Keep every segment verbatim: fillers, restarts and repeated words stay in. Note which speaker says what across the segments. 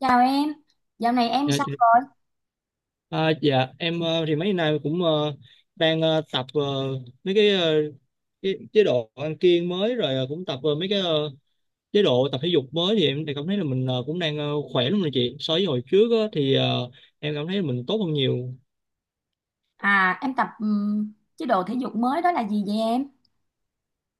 Speaker 1: Chào em, dạo này em
Speaker 2: Dạ,
Speaker 1: sao
Speaker 2: chị-
Speaker 1: rồi?
Speaker 2: à, dạ em ờ, thì mấy nay cũng ờ, đang ờ, tập ờ, mấy cái, ờ, cái chế độ ăn kiêng mới rồi ờ, cũng tập ờ, mấy cái ờ, chế độ tập thể dục mới thì em thì cảm thấy là mình ờ, cũng đang ờ, khỏe lắm rồi chị so với hồi trước á, thì ờ, em cảm thấy mình tốt hơn nhiều.
Speaker 1: À, em tập ừm, chế độ thể dục mới đó là gì vậy em?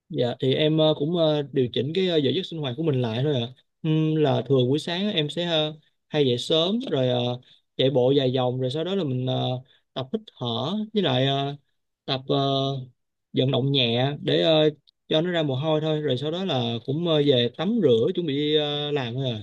Speaker 2: Dạ thì em ờ, cũng ờ, điều chỉnh cái ờ, giờ giấc sinh hoạt của mình lại thôi ạ. Ừm, là thường buổi sáng á, em sẽ ờ, hay dậy sớm rồi ờ, chạy bộ vài vòng, rồi sau đó là mình ờ, tập hít thở với lại ờ, tập ờ, vận động nhẹ để ờ, cho nó ra mồ hôi thôi, rồi sau đó là cũng ờ, về tắm rửa chuẩn bị đi ờ, làm thôi ạ.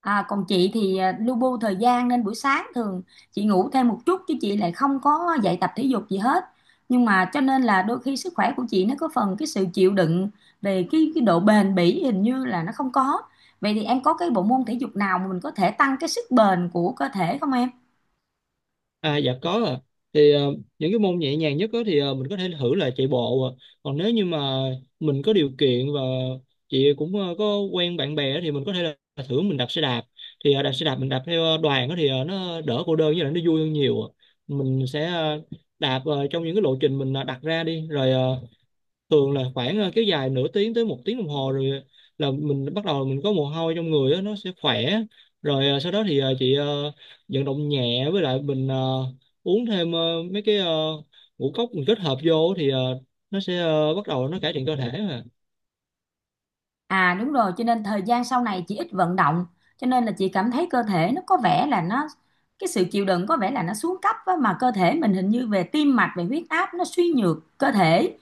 Speaker 1: À, còn chị thì à, lu bu thời gian nên buổi sáng thường chị ngủ thêm một chút chứ chị lại không có dạy tập thể dục gì hết. Nhưng mà cho nên là đôi khi sức khỏe của chị nó có phần cái sự chịu đựng về cái cái độ bền bỉ hình như là nó không có. Vậy thì em có cái bộ môn thể dục nào mà mình có thể tăng cái sức bền của cơ thể không em?
Speaker 2: À, dạ có ạ. Thì ờ, những cái môn nhẹ nhàng nhất đó thì ờ, mình có thể thử là chạy bộ ạ. Còn nếu như mà mình có điều kiện và chị cũng ờ, có quen bạn bè á thì mình có thể là thử mình đạp xe đạp. Thì ờ, đạp xe đạp mình đạp theo ờ, đoàn đó thì ờ, nó đỡ cô đơn với lại nó vui hơn nhiều. ạ. Mình sẽ ờ, đạp ờ, trong những cái lộ trình mình ờ, đặt ra đi, rồi ờ, thường là khoảng ờ, kéo dài nửa tiếng tới một tiếng đồng hồ, rồi là mình bắt đầu mình có mồ hôi trong người á, nó sẽ khỏe. Rồi ờ, sau đó thì ờ, chị ờ, vận động nhẹ với lại mình ờ, uống thêm ờ, mấy cái ờ, ngũ cốc mình kết hợp vô thì ờ, nó sẽ ờ, bắt đầu nó cải thiện cơ thể.
Speaker 1: À đúng rồi, cho nên thời gian sau này chị ít vận động, cho nên là chị cảm thấy cơ thể nó có vẻ là nó cái sự chịu đựng có vẻ là nó xuống cấp á, mà cơ thể mình hình như về tim mạch, về huyết áp nó suy nhược cơ thể.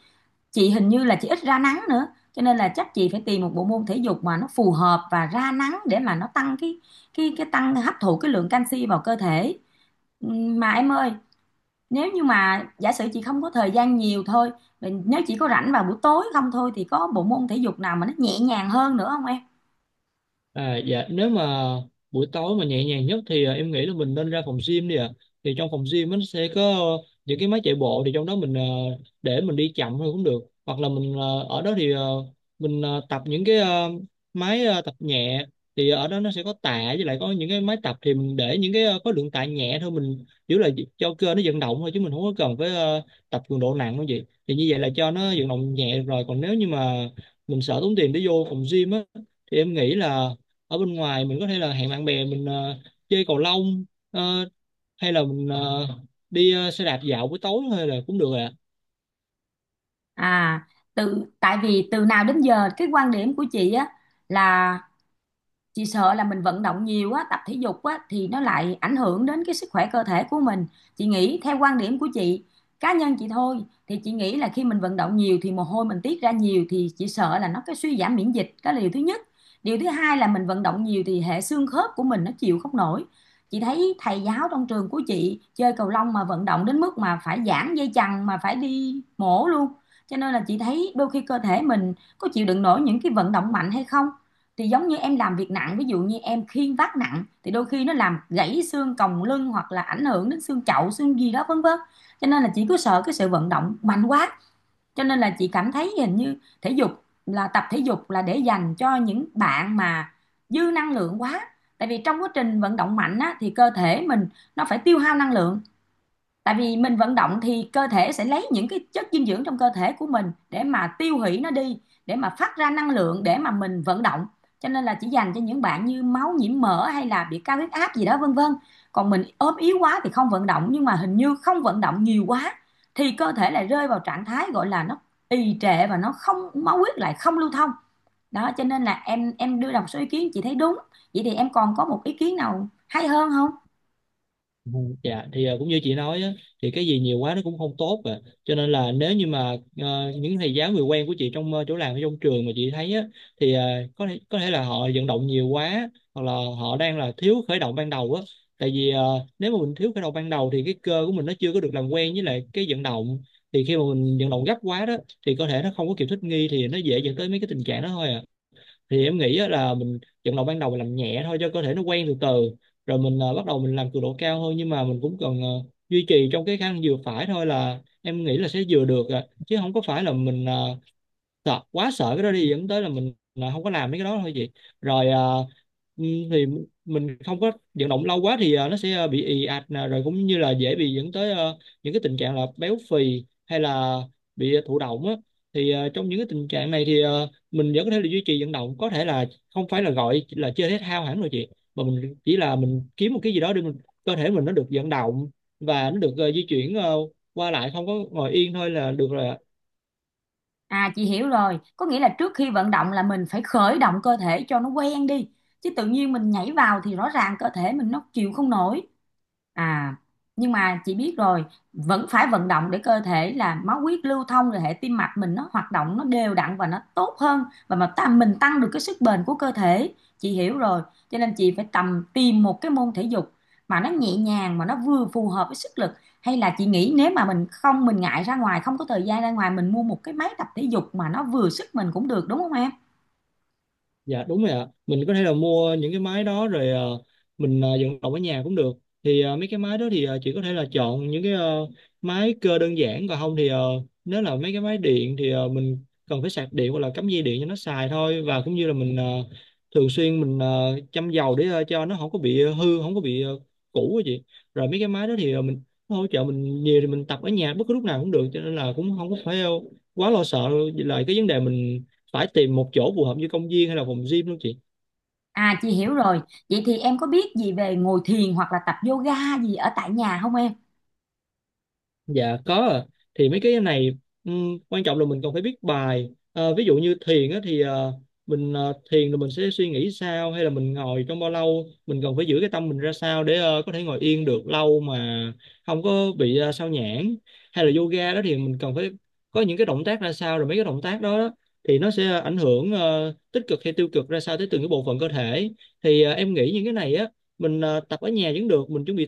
Speaker 1: Chị hình như là chị ít ra nắng nữa, cho nên là chắc chị phải tìm một bộ môn thể dục mà nó phù hợp và ra nắng để mà nó tăng cái cái cái tăng hấp thụ cái lượng canxi vào cơ thể. Ừm, Mà em ơi, nếu như mà giả sử chị không có thời gian nhiều thôi, mình nếu chỉ có rảnh vào buổi tối không thôi thì có bộ môn thể dục nào mà nó nhẹ nhàng hơn nữa không em?
Speaker 2: À, dạ nếu mà buổi tối mà nhẹ nhàng nhất thì à, em nghĩ là mình nên ra phòng gym đi ạ. Thì trong phòng gym nó sẽ có ờ, những cái máy chạy bộ, thì trong đó mình ờ, để mình đi chậm thôi cũng được, hoặc là mình ờ, ở đó thì ờ, mình ờ, tập những cái ờ, máy ờ, tập nhẹ. Thì ở đó nó sẽ có tạ với lại có những cái máy tập, thì mình để những cái ờ, khối lượng tạ nhẹ thôi, mình chỉ là cho cơ nó vận động thôi chứ mình không có cần phải ờ, tập cường độ nặng không gì, thì như vậy là cho nó vận động nhẹ rồi. Còn nếu như mà mình sợ tốn tiền để vô phòng gym á thì em nghĩ là ở bên ngoài mình có thể là hẹn bạn bè mình ờ, chơi cầu lông, ờ, hay là mình ờ, đi ờ, xe đạp dạo buổi tối hay là cũng được ạ.
Speaker 1: À, từ tại vì từ nào đến giờ cái quan điểm của chị á là chị sợ là mình vận động nhiều á, tập thể dục á thì nó lại ảnh hưởng đến cái sức khỏe cơ thể của mình. Chị nghĩ theo quan điểm của chị, cá nhân chị thôi, thì chị nghĩ là khi mình vận động nhiều thì mồ hôi mình tiết ra nhiều thì chị sợ là nó cái suy giảm miễn dịch, đó là điều thứ nhất. Điều thứ hai là mình vận động nhiều thì hệ xương khớp của mình nó chịu không nổi. Chị thấy thầy giáo trong trường của chị chơi cầu lông mà vận động đến mức mà phải giãn dây chằng mà phải đi mổ luôn. Cho nên là chị thấy đôi khi cơ thể mình có chịu đựng nổi những cái vận động mạnh hay không, thì giống như em làm việc nặng, ví dụ như em khiêng vác nặng thì đôi khi nó làm gãy xương còng lưng hoặc là ảnh hưởng đến xương chậu xương gì đó vân vân. Cho nên là chị cứ sợ cái sự vận động mạnh quá, cho nên là chị cảm thấy hình như thể dục là, tập thể dục là để dành cho những bạn mà dư năng lượng quá. Tại vì trong quá trình vận động mạnh á, thì cơ thể mình nó phải tiêu hao năng lượng, tại vì mình vận động thì cơ thể sẽ lấy những cái chất dinh dưỡng trong cơ thể của mình để mà tiêu hủy nó đi, để mà phát ra năng lượng để mà mình vận động. Cho nên là chỉ dành cho những bạn như máu nhiễm mỡ hay là bị cao huyết áp gì đó vân vân. Còn mình ốm yếu quá thì không vận động, nhưng mà hình như không vận động nhiều quá thì cơ thể lại rơi vào trạng thái gọi là nó trì trệ và nó không, máu huyết lại không lưu thông đó. Cho nên là em em đưa ra một số ý kiến chị thấy đúng. Vậy thì em còn có một ý kiến nào hay hơn không?
Speaker 2: Ừ. Dạ thì ờ, cũng như chị nói á, thì cái gì nhiều quá nó cũng không tốt à. Cho nên là nếu như mà ờ, những thầy giáo người quen của chị trong ờ, chỗ làm hay trong trường mà chị thấy á thì ờ, có thể có thể là họ vận động nhiều quá, hoặc là họ đang là thiếu khởi động ban đầu á. Tại vì ờ, nếu mà mình thiếu khởi động ban đầu thì cái cơ của mình nó chưa có được làm quen với lại cái vận động, thì khi mà mình vận động gấp quá đó thì cơ thể nó không có kịp thích nghi, thì nó dễ dẫn tới mấy cái tình trạng đó thôi à. Thì em nghĩ á là mình trận đầu ban đầu mình làm nhẹ thôi cho cơ thể nó quen từ từ, rồi mình ờ, bắt đầu mình làm cường độ cao hơn, nhưng mà mình cũng cần ờ, duy trì trong cái khả năng vừa phải thôi là em nghĩ là sẽ vừa được à. Chứ không có phải là mình ờ, sợ quá sợ cái đó đi dẫn tới là mình là không có làm mấy cái đó thôi chị. Rồi. À, ừ, thì mình không có vận động lâu quá thì à, nó sẽ à, bị ì ạch nè, rồi cũng như là dễ bị dẫn tới à, những cái tình trạng là béo phì hay là bị à, thụ động á. Thì à, trong những cái tình trạng này thì à, mình vẫn có thể là duy trì vận động, có thể là không phải là gọi là chơi thể thao hẳn rồi chị, mà mình chỉ là mình kiếm một cái gì đó để mình cơ thể mình nó được vận động và nó được ờ, di chuyển ờ, qua lại, không có ngồi yên thôi là được rồi ạ.
Speaker 1: À chị hiểu rồi, có nghĩa là trước khi vận động là mình phải khởi động cơ thể cho nó quen đi. Chứ tự nhiên mình nhảy vào thì rõ ràng cơ thể mình nó chịu không nổi. À, nhưng mà chị biết rồi, vẫn phải vận động để cơ thể là máu huyết lưu thông, rồi hệ tim mạch mình nó hoạt động nó đều đặn và nó tốt hơn, và mà ta mình tăng được cái sức bền của cơ thể. Chị hiểu rồi, cho nên chị phải tầm tìm một cái môn thể dục mà nó nhẹ nhàng mà nó vừa phù hợp với sức lực. Hay là chị nghĩ nếu mà mình không, mình ngại ra ngoài, không có thời gian ra ngoài, mình mua một cái máy tập thể dục mà nó vừa sức mình cũng được đúng không em?
Speaker 2: Dạ đúng rồi ạ. Mình có thể là mua những cái máy đó rồi ờ, mình ờ, vận động ở nhà cũng được. Thì ờ, mấy cái máy đó thì ờ, chị có thể là chọn những cái ờ, máy cơ đơn giản, còn không thì ờ, nếu là mấy cái máy điện thì ờ, mình cần phải sạc điện hoặc là cắm dây điện cho nó xài thôi, và cũng như là mình ờ, thường xuyên mình ờ, châm dầu để ờ, cho nó không có bị ờ, hư, không có bị ờ, cũ á chị. Rồi mấy cái máy đó thì ờ, mình nó hỗ trợ mình nhiều, thì mình tập ở nhà bất cứ lúc nào cũng được, cho nên là cũng không có phải ờ, quá lo sợ lại cái vấn đề mình phải tìm một chỗ phù hợp như công viên hay là phòng gym luôn chị.
Speaker 1: À chị hiểu rồi. Vậy thì em có biết gì về ngồi thiền hoặc là tập yoga gì ở tại nhà không em?
Speaker 2: Dạ có ạ. Thì mấy cái này ừm, quan trọng là mình còn phải biết bài. Ờ, ví dụ như thiền á, thì ờ, mình ờ, thiền là mình sẽ suy nghĩ sao, hay là mình ngồi trong bao lâu, mình cần phải giữ cái tâm mình ra sao để ờ, có thể ngồi yên được lâu mà không có bị ờ, sao nhãng. Hay là yoga đó thì mình cần phải có những cái động tác ra sao, rồi mấy cái động tác đó, đó thì nó sẽ ảnh hưởng ờ, tích cực hay tiêu cực ra sao tới từng cái bộ phận cơ thể. Thì ờ, em nghĩ những cái này á, mình ờ, tập ở nhà vẫn được. Mình chuẩn bị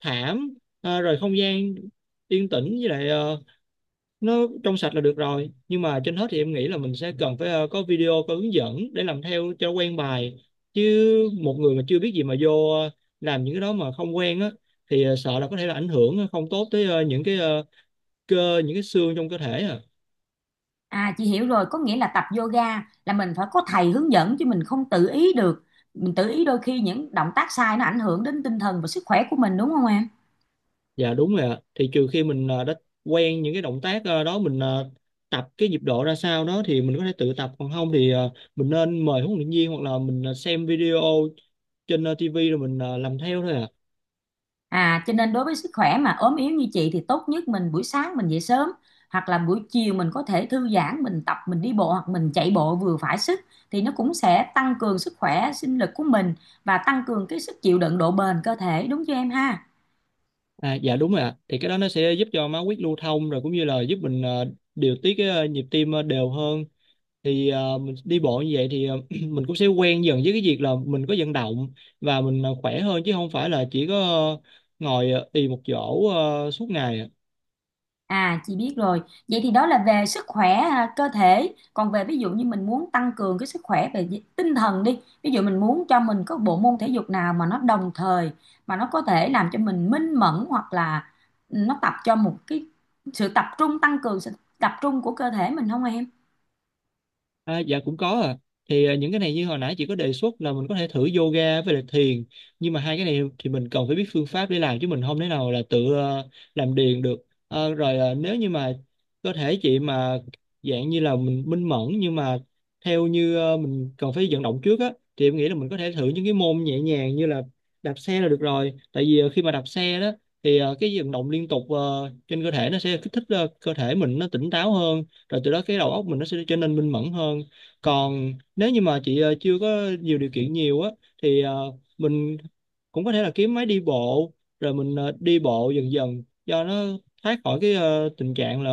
Speaker 2: thảm, à, rồi không gian yên tĩnh với lại ờ, nó trong sạch là được rồi. Nhưng mà trên hết thì em nghĩ là mình sẽ cần phải ờ, có video có hướng dẫn để làm theo cho quen bài, chứ một người mà chưa biết gì mà vô ờ, làm những cái đó mà không quen á thì ờ, sợ là có thể là ảnh hưởng không tốt tới ờ, những cái ờ, cơ, những cái xương trong cơ thể à.
Speaker 1: À chị hiểu rồi, có nghĩa là tập yoga là mình phải có thầy hướng dẫn chứ mình không tự ý được. Mình tự ý đôi khi những động tác sai nó ảnh hưởng đến tinh thần và sức khỏe của mình đúng không em?
Speaker 2: Dạ đúng rồi ạ. Thì trừ khi mình ờ, đã quen những cái động tác ờ, đó, mình ờ, tập cái nhịp độ ra sao đó thì mình có thể tự tập, còn không thì ờ, mình nên mời huấn luyện viên, hoặc là mình ờ, xem video trên ờ, ti vi rồi mình ờ, làm theo thôi ạ.
Speaker 1: À cho nên đối với sức khỏe mà ốm yếu như chị thì tốt nhất mình buổi sáng mình dậy sớm, hoặc là buổi chiều mình có thể thư giãn, mình tập, mình đi bộ hoặc mình chạy bộ vừa phải sức, thì nó cũng sẽ tăng cường sức khỏe, sinh lực của mình và tăng cường cái sức chịu đựng, độ bền cơ thể đúng chưa em ha?
Speaker 2: À, dạ đúng rồi ạ. Thì cái đó nó sẽ giúp cho máu huyết lưu thông, rồi cũng như là giúp mình ờ, điều tiết cái ờ, nhịp tim ờ, đều hơn. Thì ờ, mình đi bộ như vậy thì ờ, mình cũng sẽ quen dần với cái việc là mình có vận động và mình ờ, khỏe hơn, chứ không phải là chỉ có ờ, ngồi ờ, ì một chỗ ờ, suốt ngày ạ.
Speaker 1: À chị biết rồi. Vậy thì đó là về sức khỏe à, cơ thể. Còn về ví dụ như mình muốn tăng cường cái sức khỏe về di- tinh thần đi. Ví dụ mình muốn cho mình có bộ môn thể dục nào mà nó đồng thời mà nó có thể làm cho mình minh mẫn, hoặc là nó tập cho một cái sự tập trung, tăng cường sự tập trung của cơ thể mình không em?
Speaker 2: À, dạ cũng có à. Thì à, những cái này như hồi nãy chị có đề xuất là mình có thể thử yoga với lại thiền. Nhưng mà hai cái này thì mình cần phải biết phương pháp để làm, chứ mình không thể nào là tự ờ, làm điền được. Ờ, rồi ờ, nếu như mà cơ thể chị mà dạng như là mình minh mẫn, nhưng mà theo như ờ, mình cần phải vận động trước á thì em nghĩ là mình có thể thử những cái môn nhẹ nhàng như là đạp xe là được rồi. Tại vì ờ, khi mà đạp xe đó thì ờ, cái vận động liên tục ờ, trên cơ thể nó sẽ kích thích ờ, cơ thể mình nó tỉnh táo hơn, rồi từ đó cái đầu óc mình nó sẽ trở nên minh mẫn hơn. Còn nếu như mà chị ờ, chưa có nhiều điều kiện nhiều á thì ờ, mình cũng có thể là kiếm máy đi bộ, rồi mình ờ, đi bộ dần dần cho nó thoát khỏi cái ờ, tình trạng là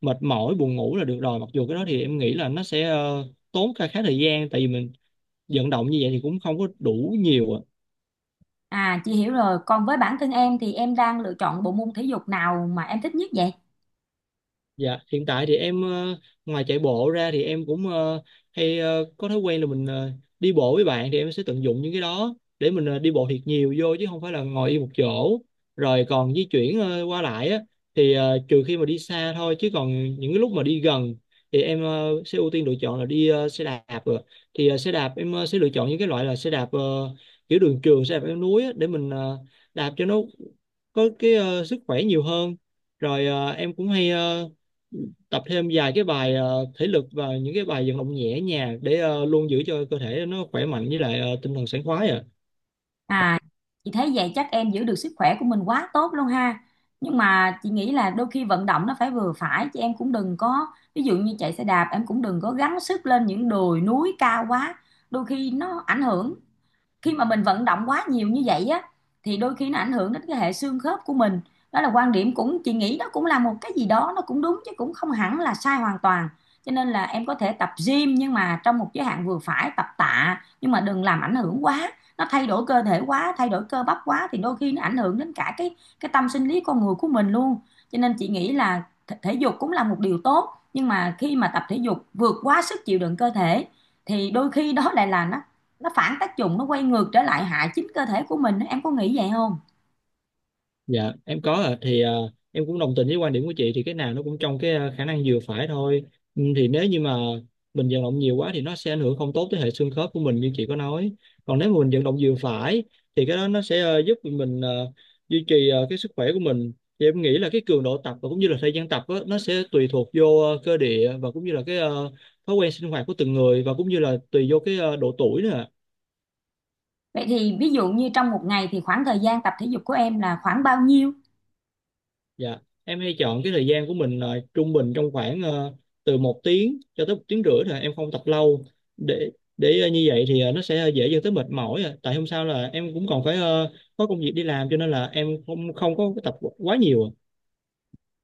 Speaker 2: mệt mỏi buồn ngủ là được rồi, mặc dù cái đó thì em nghĩ là nó sẽ ờ, tốn khá khá thời gian, tại vì mình vận động như vậy thì cũng không có đủ nhiều ạ.
Speaker 1: À chị hiểu rồi. Còn với bản thân em thì em đang lựa chọn bộ môn thể dục nào mà em thích nhất vậy?
Speaker 2: Dạ, hiện tại thì em ờ, ngoài chạy bộ ra thì em cũng ờ, hay ờ, có thói quen là mình ờ, đi bộ với bạn, thì em sẽ tận dụng những cái đó để mình ờ, đi bộ thiệt nhiều vô, chứ không phải là ngồi yên một chỗ. Rồi còn di chuyển ờ, qua lại á, thì ờ, trừ khi mà đi xa thôi, chứ còn những cái lúc mà đi gần thì em ờ, sẽ ưu tiên lựa chọn là đi ờ, xe đạp rồi. Thì ờ, xe đạp em ờ, sẽ lựa chọn những cái loại là xe đạp ờ, kiểu đường trường, xe đạp leo núi á, để mình ờ, đạp cho nó có cái ờ, sức khỏe nhiều hơn. Rồi ờ, em cũng hay ờ, tập thêm vài cái bài ờ, thể lực và những cái bài vận động nhẹ nhàng để ờ, luôn giữ cho cơ thể nó khỏe mạnh với lại ờ, tinh thần sảng khoái à.
Speaker 1: À, chị thấy vậy chắc em giữ được sức khỏe của mình quá tốt luôn ha. Nhưng mà chị nghĩ là đôi khi vận động nó phải vừa phải, chứ em cũng đừng có, ví dụ như chạy xe đạp em cũng đừng có gắng sức lên những đồi núi cao quá. Đôi khi nó ảnh hưởng, khi mà mình vận động quá nhiều như vậy á thì đôi khi nó ảnh hưởng đến cái hệ xương khớp của mình. Đó là quan điểm, cũng chị nghĩ đó cũng là một cái gì đó nó cũng đúng chứ cũng không hẳn là sai hoàn toàn. Cho nên là em có thể tập gym nhưng mà trong một giới hạn vừa phải, tập tạ nhưng mà đừng làm ảnh hưởng quá, nó thay đổi cơ thể quá, thay đổi cơ bắp quá thì đôi khi nó ảnh hưởng đến cả cái cái tâm sinh lý con người của mình luôn. Cho nên chị nghĩ là thể dục cũng là một điều tốt, nhưng mà khi mà tập thể dục vượt quá sức chịu đựng cơ thể thì đôi khi đó lại là nó nó phản tác dụng, nó quay ngược trở lại hại chính cơ thể của mình, em có nghĩ vậy không?
Speaker 2: Dạ em có ạ. Thì à, em cũng đồng tình với quan điểm của chị, thì cái nào nó cũng trong cái à, khả năng vừa phải thôi. Ừ, thì nếu như mà mình vận động nhiều quá thì nó sẽ ảnh hưởng không tốt tới hệ xương khớp của mình như chị có nói. Còn nếu mà mình vận động vừa phải thì cái đó nó sẽ ờ, giúp mình ờ, duy trì ờ, cái sức khỏe của mình. Thì em nghĩ là cái cường độ tập và cũng như là thời gian tập á, nó sẽ tùy thuộc vô ờ, cơ địa và cũng như là cái ờ, thói quen sinh hoạt của từng người, và cũng như là tùy vô cái ờ, độ tuổi nữa ạ.
Speaker 1: Vậy thì ví dụ như trong một ngày thì khoảng thời gian tập thể dục của em là khoảng bao nhiêu?
Speaker 2: Dạ, em hay chọn cái thời gian của mình là trung bình trong khoảng ờ, từ một tiếng cho tới một tiếng rưỡi thôi, em không tập lâu để để ờ, như vậy thì ờ, nó sẽ dễ dẫn tới mệt mỏi. à. Tại hôm sau là em cũng còn phải ờ, có công việc đi làm, cho nên là em không không có tập quá nhiều. à.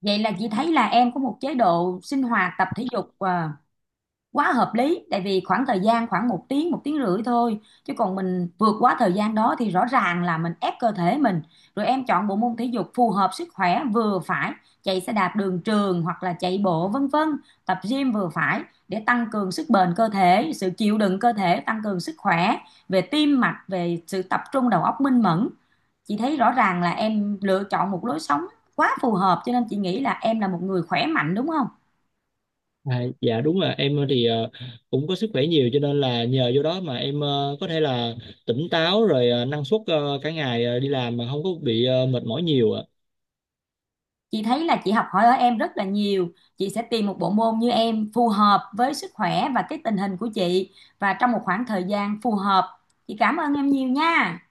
Speaker 1: Vậy là chị thấy là em có một chế độ sinh hoạt tập thể dục à, quá hợp lý, tại vì khoảng thời gian khoảng một tiếng một tiếng rưỡi thôi, chứ còn mình vượt quá thời gian đó thì rõ ràng là mình ép cơ thể mình. Rồi em chọn bộ môn thể dục phù hợp sức khỏe vừa phải, chạy xe đạp đường trường hoặc là chạy bộ vân vân, tập gym vừa phải, để tăng cường sức bền cơ thể, sự chịu đựng cơ thể, tăng cường sức khỏe về tim mạch, về sự tập trung đầu óc minh mẫn. Chị thấy rõ ràng là em lựa chọn một lối sống quá phù hợp, cho nên chị nghĩ là em là một người khỏe mạnh đúng không?
Speaker 2: À, dạ đúng là em ờ, thì ờ, cũng có sức khỏe nhiều, cho nên là nhờ vô đó mà em ờ, có thể là tỉnh táo, rồi ờ, năng suất ờ, cả ngày ờ, đi làm mà không có bị ờ, mệt mỏi nhiều. À.
Speaker 1: Chị thấy là chị học hỏi ở em rất là nhiều. Chị sẽ tìm một bộ môn như em phù hợp với sức khỏe và cái tình hình của chị, và trong một khoảng thời gian phù hợp. Chị cảm ơn em nhiều nha.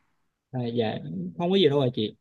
Speaker 2: À, dạ không có gì đâu à chị.